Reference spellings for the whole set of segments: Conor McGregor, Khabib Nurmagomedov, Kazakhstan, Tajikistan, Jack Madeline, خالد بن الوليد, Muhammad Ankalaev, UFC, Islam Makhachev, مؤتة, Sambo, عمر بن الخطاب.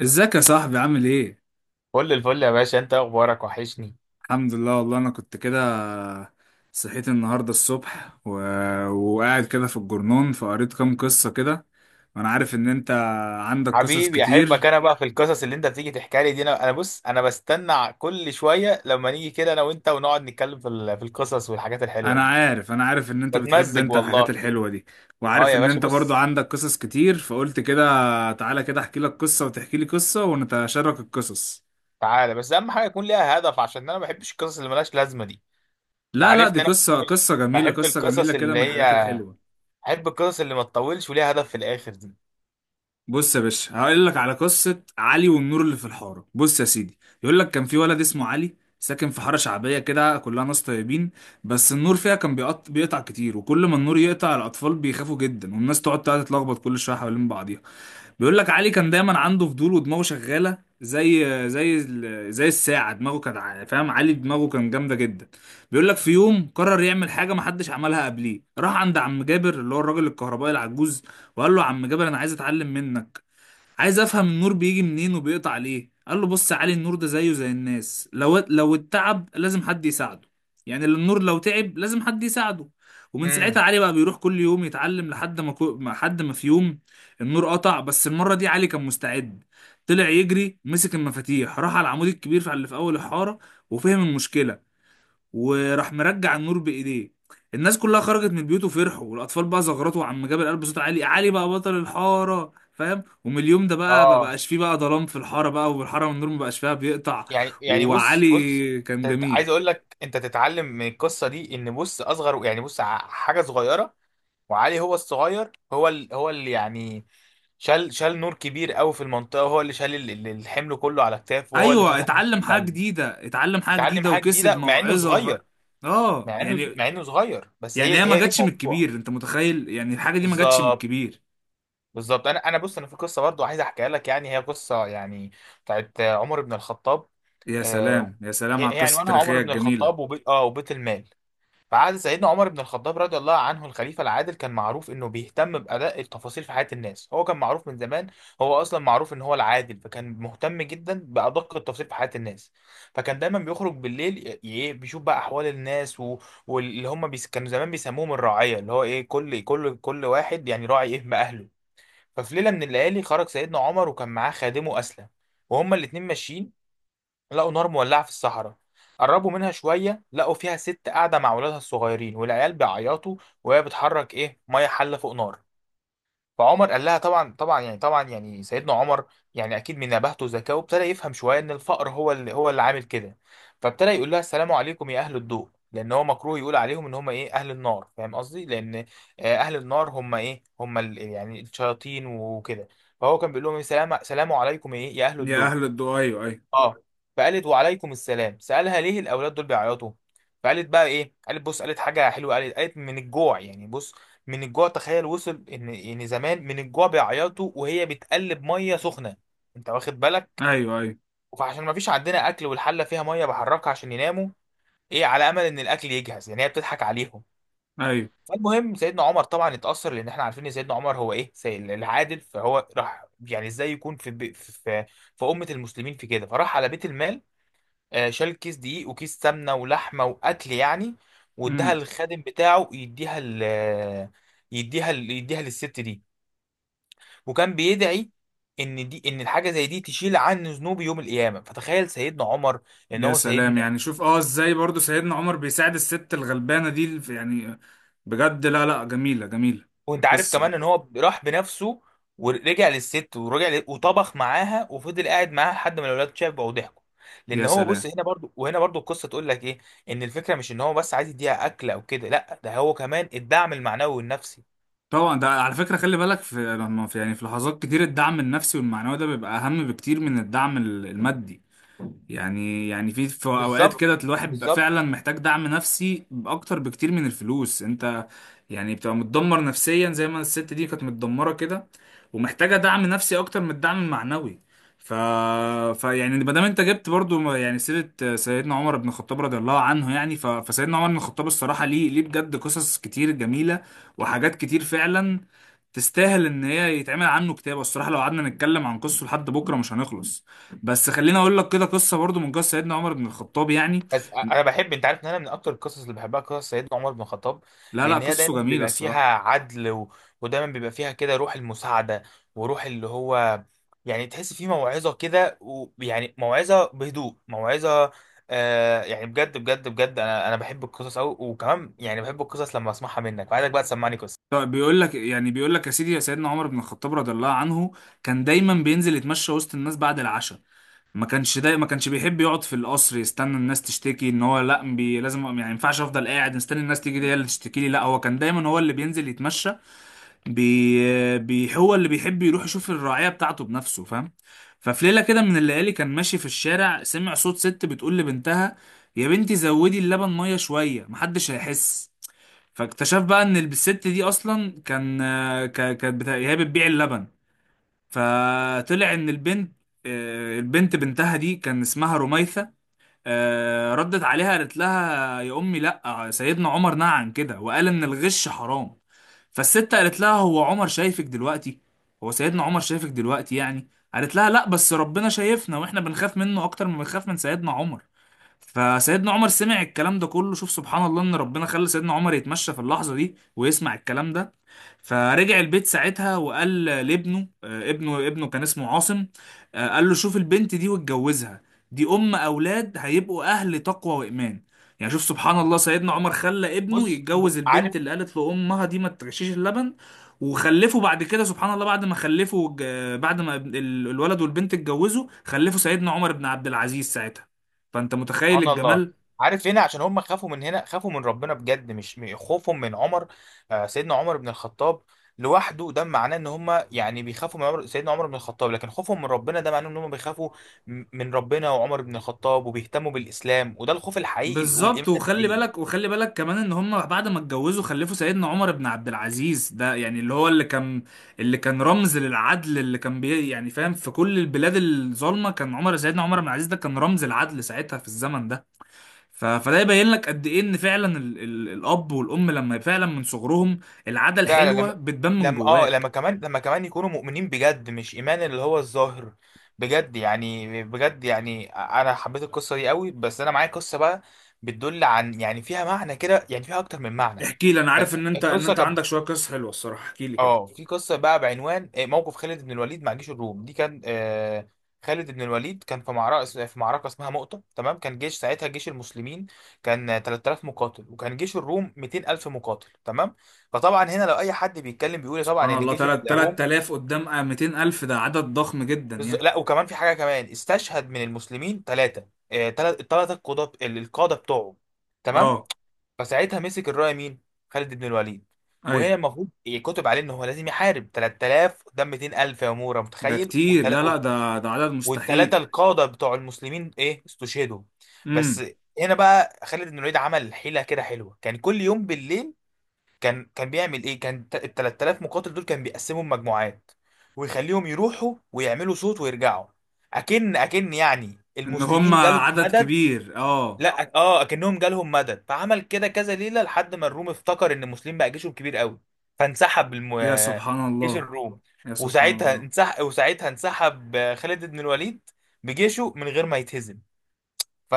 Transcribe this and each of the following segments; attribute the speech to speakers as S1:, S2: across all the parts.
S1: ازيك يا صاحبي عامل ايه؟
S2: كل الفل يا باشا، انت اخبارك وحشني.
S1: الحمد لله، والله انا كنت كده. صحيت النهارده الصبح وقاعد كده في الجرنون فقريت كام قصة كده، وانا عارف ان انت عندك قصص
S2: حبيبي احبك،
S1: كتير.
S2: انا بقى في القصص اللي انت بتيجي تحكي لي دي انا بص، انا بستنى كل شويه لما نيجي كده انا وانت ونقعد نتكلم في في القصص والحاجات الحلوه
S1: انا
S2: دي.
S1: عارف انا عارف ان انت بتحب
S2: بتمزج
S1: انت الحاجات
S2: والله.
S1: الحلوة دي،
S2: اه
S1: وعارف
S2: يا
S1: ان
S2: باشا،
S1: انت برضو
S2: بص،
S1: عندك قصص كتير فقلت كده، تعالى كده احكي لك قصة وتحكي لي قصة ونتشارك القصص.
S2: تعالى بس اهم حاجه يكون ليها هدف، عشان انا ما بحبش القصص اللي ملهاش لازمه دي.
S1: لا، لا، دي
S2: تعرفني انا
S1: قصة
S2: بحب
S1: قصة جميلة،
S2: بحب
S1: قصة جميلة
S2: القصص
S1: كده
S2: اللي
S1: من الحاجات
S2: هي
S1: الحلوة.
S2: بحب القصص اللي ما تطولش وليها هدف في الاخر دي.
S1: بص يا باشا، هقول لك على قصة علي والنور اللي في الحارة. بص يا سيدي، يقول لك كان في ولد اسمه علي ساكن في حارة شعبية كده كلها ناس طيبين، بس النور فيها كان بيقطع كتير، وكل ما النور يقطع الأطفال بيخافوا جدا، والناس تقعد تتلخبط كل شوية حوالين بعضيها. بيقول لك علي كان دايما عنده فضول ودماغه شغالة زي الساعة. دماغه كانت فاهم، علي دماغه كان جامدة جدا. بيقول لك في يوم قرر يعمل حاجة محدش عملها قبليه، راح عند عم جابر اللي هو الراجل الكهربائي العجوز وقال له، عم جابر انا عايز اتعلم منك، عايز افهم النور بيجي منين وبيقطع ليه. قال له، بص يا علي، النور ده زيه زي الناس، لو اتعب لازم حد يساعده. يعني النور لو تعب لازم حد يساعده. ومن ساعتها
S2: امم
S1: علي بقى بيروح كل يوم يتعلم، لحد ما كو... ما- حد ما في يوم النور قطع، بس المرة دي علي كان مستعد، طلع يجري مسك المفاتيح راح على العمود الكبير اللي في اول الحارة وفهم المشكلة وراح مرجع النور بايديه. الناس كلها خرجت من بيوت وفرحوا، والاطفال بقى زغرطوا، عم جاب القلب بصوت عالي، علي بقى بطل الحاره، فاهم، ومن اليوم ده بقى ما
S2: اه.
S1: بقاش فيه بقى ظلام في الحاره، بقى والحاره والنور ما بقاش فيها بيقطع.
S2: يعني يعني بص بص،
S1: وعلي كان جميل.
S2: عايز اقول لك انت تتعلم من القصه دي ان، بص، اصغر، يعني بص، حاجه صغيره، وعلي هو الصغير، هو اللي يعني شال شال نور كبير قوي في المنطقه، هو اللي شال الحمل كله على كتافه، وهو اللي
S1: ايوه،
S2: فتح
S1: اتعلم حاجه
S2: تعلم.
S1: جديده اتعلم حاجه
S2: اتعلم
S1: جديده
S2: حاجه
S1: وكسب
S2: جديده مع انه
S1: موعظه.
S2: صغير.
S1: اه،
S2: مع انه
S1: يعني،
S2: مع انه صغير، بس
S1: يعني
S2: هي
S1: هي ما
S2: هي دي
S1: جاتش من الكبير،
S2: الموضوع.
S1: انت متخيل يعني الحاجه دي ما جاتش من
S2: بالظبط
S1: الكبير.
S2: بالظبط. انا بص، انا في قصه برضو عايز احكيها لك، يعني هي قصه يعني بتاعت عمر بن الخطاب.
S1: يا
S2: آه،
S1: سلام، يا سلام على
S2: هي
S1: القصه
S2: عنوانها عمر
S1: التاريخيه
S2: بن
S1: الجميله.
S2: الخطاب وبيت، اه، وبيت المال. فعاد سيدنا عمر بن الخطاب رضي الله عنه الخليفة العادل، كان معروف انه بيهتم بأداء التفاصيل في حياة الناس. هو كان معروف من زمان، هو اصلا معروف ان هو العادل، فكان مهتم جدا بأدق التفاصيل في حياة الناس. فكان دايما بيخرج بالليل، إيه، بيشوف بقى احوال الناس و... كانوا زمان بيسموهم الرعية، اللي هو ايه، كل واحد يعني راعي ايه بأهله. ففي ليلة من الليالي خرج سيدنا عمر وكان معاه خادمه أسلم، وهما الاتنين ماشيين لقوا نار مولعة في الصحراء. قربوا منها شوية لقوا فيها ست قاعدة مع ولادها الصغيرين، والعيال بيعيطوا وهي بتحرك إيه، مية، حلة فوق نار. فعمر قال لها، طبعا يعني سيدنا عمر يعني أكيد من نباهته وذكائه ابتدى يفهم شوية إن الفقر هو اللي هو اللي عامل كده. فابتدى يقول لها السلام عليكم يا أهل الضوء، لأن هو مكروه يقول عليهم إن هم إيه أهل النار، فاهم قصدي؟ لأن آه، أهل النار هم إيه، هم يعني الشياطين وكده. فهو كان بيقول لهم إيه، سلام سلام عليكم إيه يا أهل
S1: يا
S2: الضوء.
S1: اهل الدو، ايوه.
S2: اه. فقالت وعليكم السلام. سألها ليه الأولاد دول بيعيطوا؟ فقالت بقى إيه، قالت بص، قالت حاجة حلوة، قالت من الجوع، يعني بص، من الجوع، تخيل، وصل إن إن زمان من الجوع بيعيطوا، وهي بتقلب مية سخنة. أنت واخد بالك؟
S1: ايوه، ايوه، ايوه.
S2: فعشان ما فيش عندنا أكل، والحلة فيها مية بحركها عشان يناموا إيه، على أمل إن الأكل يجهز، يعني هي بتضحك عليهم.
S1: ايوه،
S2: فالمهم سيدنا عمر طبعا اتأثر، لأن إحنا عارفين إن سيدنا عمر هو إيه، العادل. فهو راح، يعني إزاي يكون في في في أمة المسلمين في كده، فراح على بيت المال. آه، شال كيس دقيق وكيس سمنه ولحمه واكل يعني، واداها
S1: مم.
S2: للخادم بتاعه يديها ل، يديها للست دي. وكان بيدعي ان دي، ان الحاجه زي دي تشيل عنه ذنوب يوم القيامه. فتخيل سيدنا عمر ان
S1: يا
S2: هو سيدنا.
S1: سلام، يعني شوف، ازاي برضو سيدنا عمر بيساعد الست الغلبانة دي يعني، بجد. لا، لا، جميلة، جميلة
S2: وانت عارف
S1: قصة.
S2: كمان ان هو راح بنفسه، ورجع للست ورجع ل... وطبخ معاها وفضل قاعد معاها لحد ما الاولاد شافوا وضحكوا. لان
S1: يا
S2: هو
S1: سلام.
S2: بص، هنا برضو وهنا برضو القصه تقول لك ايه، ان الفكره مش ان هو بس عايز يديها اكل او كده، لا، ده هو كمان الدعم المعنوي والنفسي.
S1: طبعا، ده على فكرة خلي بالك، في لما في يعني في لحظات كتير الدعم النفسي والمعنوي ده بيبقى أهم بكتير من الدعم المادي. يعني في اوقات
S2: بالظبط
S1: كده الواحد بيبقى فعلا
S2: بالظبط.
S1: محتاج دعم نفسي اكتر بكتير من الفلوس. انت يعني بتبقى متدمر نفسيا زي ما الست دي كانت متدمرة كده، ومحتاجة دعم نفسي اكتر من الدعم المعنوي. ف... ف يعني، ما دام انت جبت برضو يعني سيرة سيدنا عمر بن الخطاب رضي الله عنه، يعني فسيدنا عمر بن الخطاب الصراحة ليه بجد قصص كتير جميلة وحاجات كتير فعلا تستاهل ان هي يتعمل عنه كتاب. الصراحة لو قعدنا نتكلم عن قصته لحد بكرة مش هنخلص، بس خليني اقول لك كده قصه برضو من قصه سيدنا عمر بن الخطاب يعني.
S2: بس انا بحب، انت عارف ان انا من اكتر القصص اللي بحبها قصص سيدنا عمر بن الخطاب،
S1: لا، لا،
S2: لان هي
S1: قصصه
S2: دايما
S1: جميله
S2: بيبقى فيها
S1: الصراحه.
S2: عدل و... ودايما بيبقى فيها كده روح المساعده، وروح اللي هو يعني تحس فيه موعظه كده، ويعني موعظه بهدوء، موعظه. آه يعني، بجد بجد بجد انا انا بحب القصص قوي. وكمان يعني بحب القصص لما اسمعها منك. وعايزك بقى تسمعني قصه.
S1: طب بيقول لك يعني بيقول لك يا سيدي، يا سيدنا عمر بن الخطاب رضي الله عنه كان دايما بينزل يتمشى وسط الناس بعد العشاء. ما كانش بيحب يقعد في القصر يستنى الناس تشتكي، ان هو لا، لازم، يعني ما ينفعش افضل قاعد مستني الناس تيجي هي اللي تشتكي لي، لا هو كان دايما هو اللي بينزل يتمشى، بي... بي هو اللي بيحب يروح يشوف الرعاية بتاعته بنفسه، فاهم. ففي ليلة كده من الليالي كان ماشي في الشارع، سمع صوت ست بتقول لبنتها، يا بنتي زودي اللبن مية شوية محدش هيحس. فاكتشف بقى ان الست دي اصلا كان آه، ك... كانت بتا... هي بتبيع اللبن. فطلع ان البنت آه، البنت بنتها دي كان اسمها رميثة. ردت عليها قالت لها، يا امي لا، سيدنا عمر نهى عن كده وقال ان الغش حرام. فالست قالت لها، هو عمر شايفك دلوقتي؟ هو سيدنا عمر شايفك دلوقتي يعني؟ قالت لها، لا بس ربنا شايفنا واحنا بنخاف منه اكتر ما بنخاف من سيدنا عمر. فسيدنا عمر سمع الكلام ده كله. شوف سبحان الله ان ربنا خلى سيدنا عمر يتمشى في اللحظة دي ويسمع الكلام ده. فرجع البيت ساعتها وقال لابنه، ابنه كان اسمه عاصم. قال له، شوف البنت دي واتجوزها، دي ام اولاد هيبقوا اهل تقوى وايمان. يعني شوف سبحان الله، سيدنا عمر خلى ابنه
S2: بص،
S1: يتجوز البنت
S2: عارف؟
S1: اللي قالت له امها دي ما تغشيش اللبن. وخلفوا بعد كده سبحان الله، بعد ما خلفوا ج- بعد ما ابن- ال- الولد والبنت اتجوزوا خلفوا سيدنا عمر بن عبد العزيز ساعتها. فانت متخيل
S2: سبحان الله.
S1: الجمال.
S2: عارف هنا عشان هم خافوا، من هنا خافوا من ربنا بجد، مش خوفهم من عمر آه، سيدنا عمر بن الخطاب لوحده. ده معناه ان هم يعني بيخافوا من عمر سيدنا عمر بن الخطاب، لكن خوفهم من ربنا ده معناه ان هم بيخافوا من ربنا وعمر بن الخطاب وبيهتموا بالاسلام، وده الخوف الحقيقي
S1: بالظبط،
S2: والايمان
S1: وخلي
S2: الحقيقي.
S1: بالك وخلي بالك كمان ان هم بعد ما اتجوزوا خلفوا سيدنا عمر بن عبد العزيز ده، يعني اللي كان اللي كان رمز للعدل، اللي كان يعني فاهم، في كل البلاد الظالمه كان سيدنا عمر بن عبد العزيز ده كان رمز العدل ساعتها في الزمن ده. فده يبين لك قد ايه ان فعلا الاب والام لما فعلا من صغرهم، العاده
S2: فعلا لما
S1: الحلوه بتبان من
S2: لما اه لما
S1: جواك.
S2: كمان لما كمان يكونوا مؤمنين بجد، مش ايمان اللي هو الظاهر، بجد يعني. بجد يعني انا حبيت القصه دي قوي، بس انا معايا قصه بقى بتدل عن، يعني فيها معنى كده، يعني فيها اكتر من معنى.
S1: احكي لي، انا عارف ان انت ان
S2: القصه
S1: انت
S2: كانت
S1: عندك شويه قصص حلوه الصراحه، احكي لي كده.
S2: اه، في قصه بقى بعنوان آه، موقف خالد بن الوليد مع جيش الروم. دي كان آه، خالد بن الوليد كان في معركه، في معركه اسمها مؤتة، تمام؟ كان جيش ساعتها، جيش المسلمين، كان آه، 3000 مقاتل، وكان جيش الروم 200000 مقاتل، تمام؟ فطبعا هنا لو اي حد بيتكلم بيقول إيه، طبعا
S1: سبحان
S2: ان
S1: الله،
S2: جيش
S1: تلات
S2: الروم
S1: آلاف قدام 200 ألف، ده عدد ضخم جدا يعني.
S2: لا، وكمان في حاجه كمان، استشهد من المسلمين ثلاثه الثلاثه القاده، القاده بتوعه، تمام.
S1: اه.
S2: فساعتها مسك الرايه مين؟ خالد بن الوليد.
S1: أي.
S2: وهي المفروض يكتب عليه ان هو لازم يحارب 3000 قدام 200000، يا مورا،
S1: ده
S2: متخيل؟
S1: كتير، لا، لا، ده عدد
S2: والثلاثه
S1: مستحيل.
S2: القاده بتوع المسلمين ايه، استشهدوا. بس
S1: امم
S2: هنا بقى خالد بن الوليد عمل حيله كده حلوه. كان كل يوم بالليل كان بيعمل ايه، كان ال 3000 مقاتل دول كان بيقسمهم مجموعات، ويخليهم يروحوا ويعملوا صوت ويرجعوا، اكن يعني
S1: إن هم
S2: المسلمين جالهم
S1: عدد
S2: مدد.
S1: كبير، اه.
S2: لا اه، اكنهم جالهم مدد. فعمل كده كذا ليله لحد ما الروم افتكر ان المسلمين بقى جيشهم كبير قوي، فانسحب الم...
S1: يا سبحان
S2: جيش
S1: الله.
S2: الروم.
S1: يا سبحان
S2: وساعتها
S1: الله.
S2: انسحب خالد بن الوليد بجيشه من غير ما يتهزم.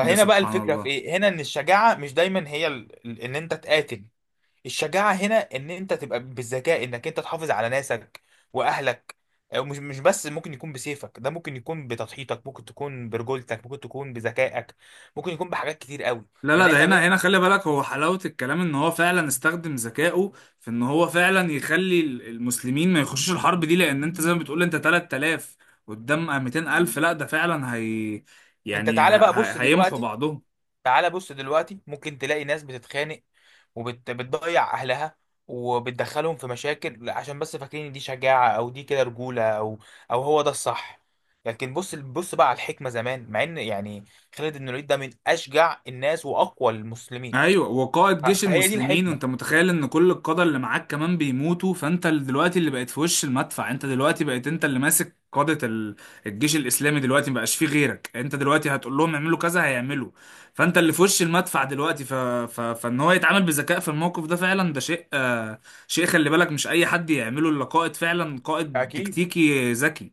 S1: يا
S2: بقى
S1: سبحان
S2: الفكره في
S1: الله.
S2: ايه، هنا ان الشجاعه مش دايما هي ان انت تقاتل. الشجاعة هنا ان انت تبقى بالذكاء، انك انت تحافظ على ناسك واهلك. أو مش بس ممكن يكون بسيفك، ده ممكن يكون بتضحيتك، ممكن تكون برجولتك، ممكن تكون بذكائك، ممكن يكون بحاجات كتير قوي.
S1: لا، لا،
S2: لان
S1: ده
S2: احنا
S1: هنا
S2: بقى...
S1: هنا خلي بالك، هو حلاوة الكلام إن هو فعلا استخدم ذكائه في إن هو فعلا يخلي المسلمين ما يخشوش الحرب دي، لأن أنت زي ما بتقول أنت 3 آلاف قدام ميتين ألف، لا ده فعلا هي،
S2: انت
S1: يعني
S2: تعالى بقى بص
S1: هيمحوا
S2: دلوقتي،
S1: بعضهم.
S2: تعالى بص دلوقتي، ممكن تلاقي ناس بتتخانق وبتضيع اهلها وبتدخلهم في مشاكل، عشان بس فاكرين إن دي شجاعة، او دي كده رجولة، او او هو ده الصح. لكن بص بص بقى على الحكمة زمان، مع ان يعني خالد بن الوليد ده من اشجع الناس واقوى المسلمين.
S1: ايوه، وقائد جيش
S2: فهي دي
S1: المسلمين،
S2: الحكمة.
S1: وانت متخيل ان كل القادة اللي معاك كمان بيموتوا، فانت دلوقتي اللي بقيت في وش المدفع، انت دلوقتي بقيت انت اللي ماسك قادة الجيش الاسلامي دلوقتي مبقاش فيه غيرك، انت دلوقتي هتقول لهم اعملوا كذا هيعملوا، فانت اللي في وش المدفع دلوقتي. فان هو يتعامل بذكاء في الموقف ده فعلا، ده شيء، شيء، خلي بالك مش اي حد يعمله الا قائد، فعلا قائد
S2: أكيد.
S1: تكتيكي ذكي.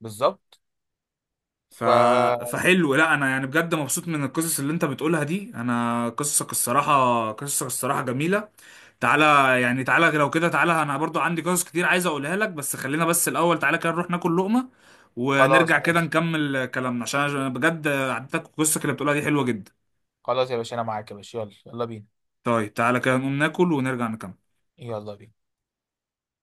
S2: بالظبط.
S1: ف...
S2: فخلاص.
S1: فحلو لا انا يعني بجد مبسوط من القصص اللي انت بتقولها دي، انا قصصك الصراحة جميلة. تعالى، يعني تعالى لو كده، تعالى انا برضو عندي قصص كتير عايز اقولها لك، بس خلينا بس الاول تعالى كده نروح ناكل لقمة ونرجع كده
S2: ماشي.
S1: نكمل كلامنا، عشان أنا بجد عدتك قصتك اللي بتقولها دي حلوة جدا.
S2: خلاص يا باشا، انا معاك يا باشا، يلا يلا بينا.
S1: طيب تعالى كده نقوم ناكل ونرجع نكمل.
S2: يلا بينا.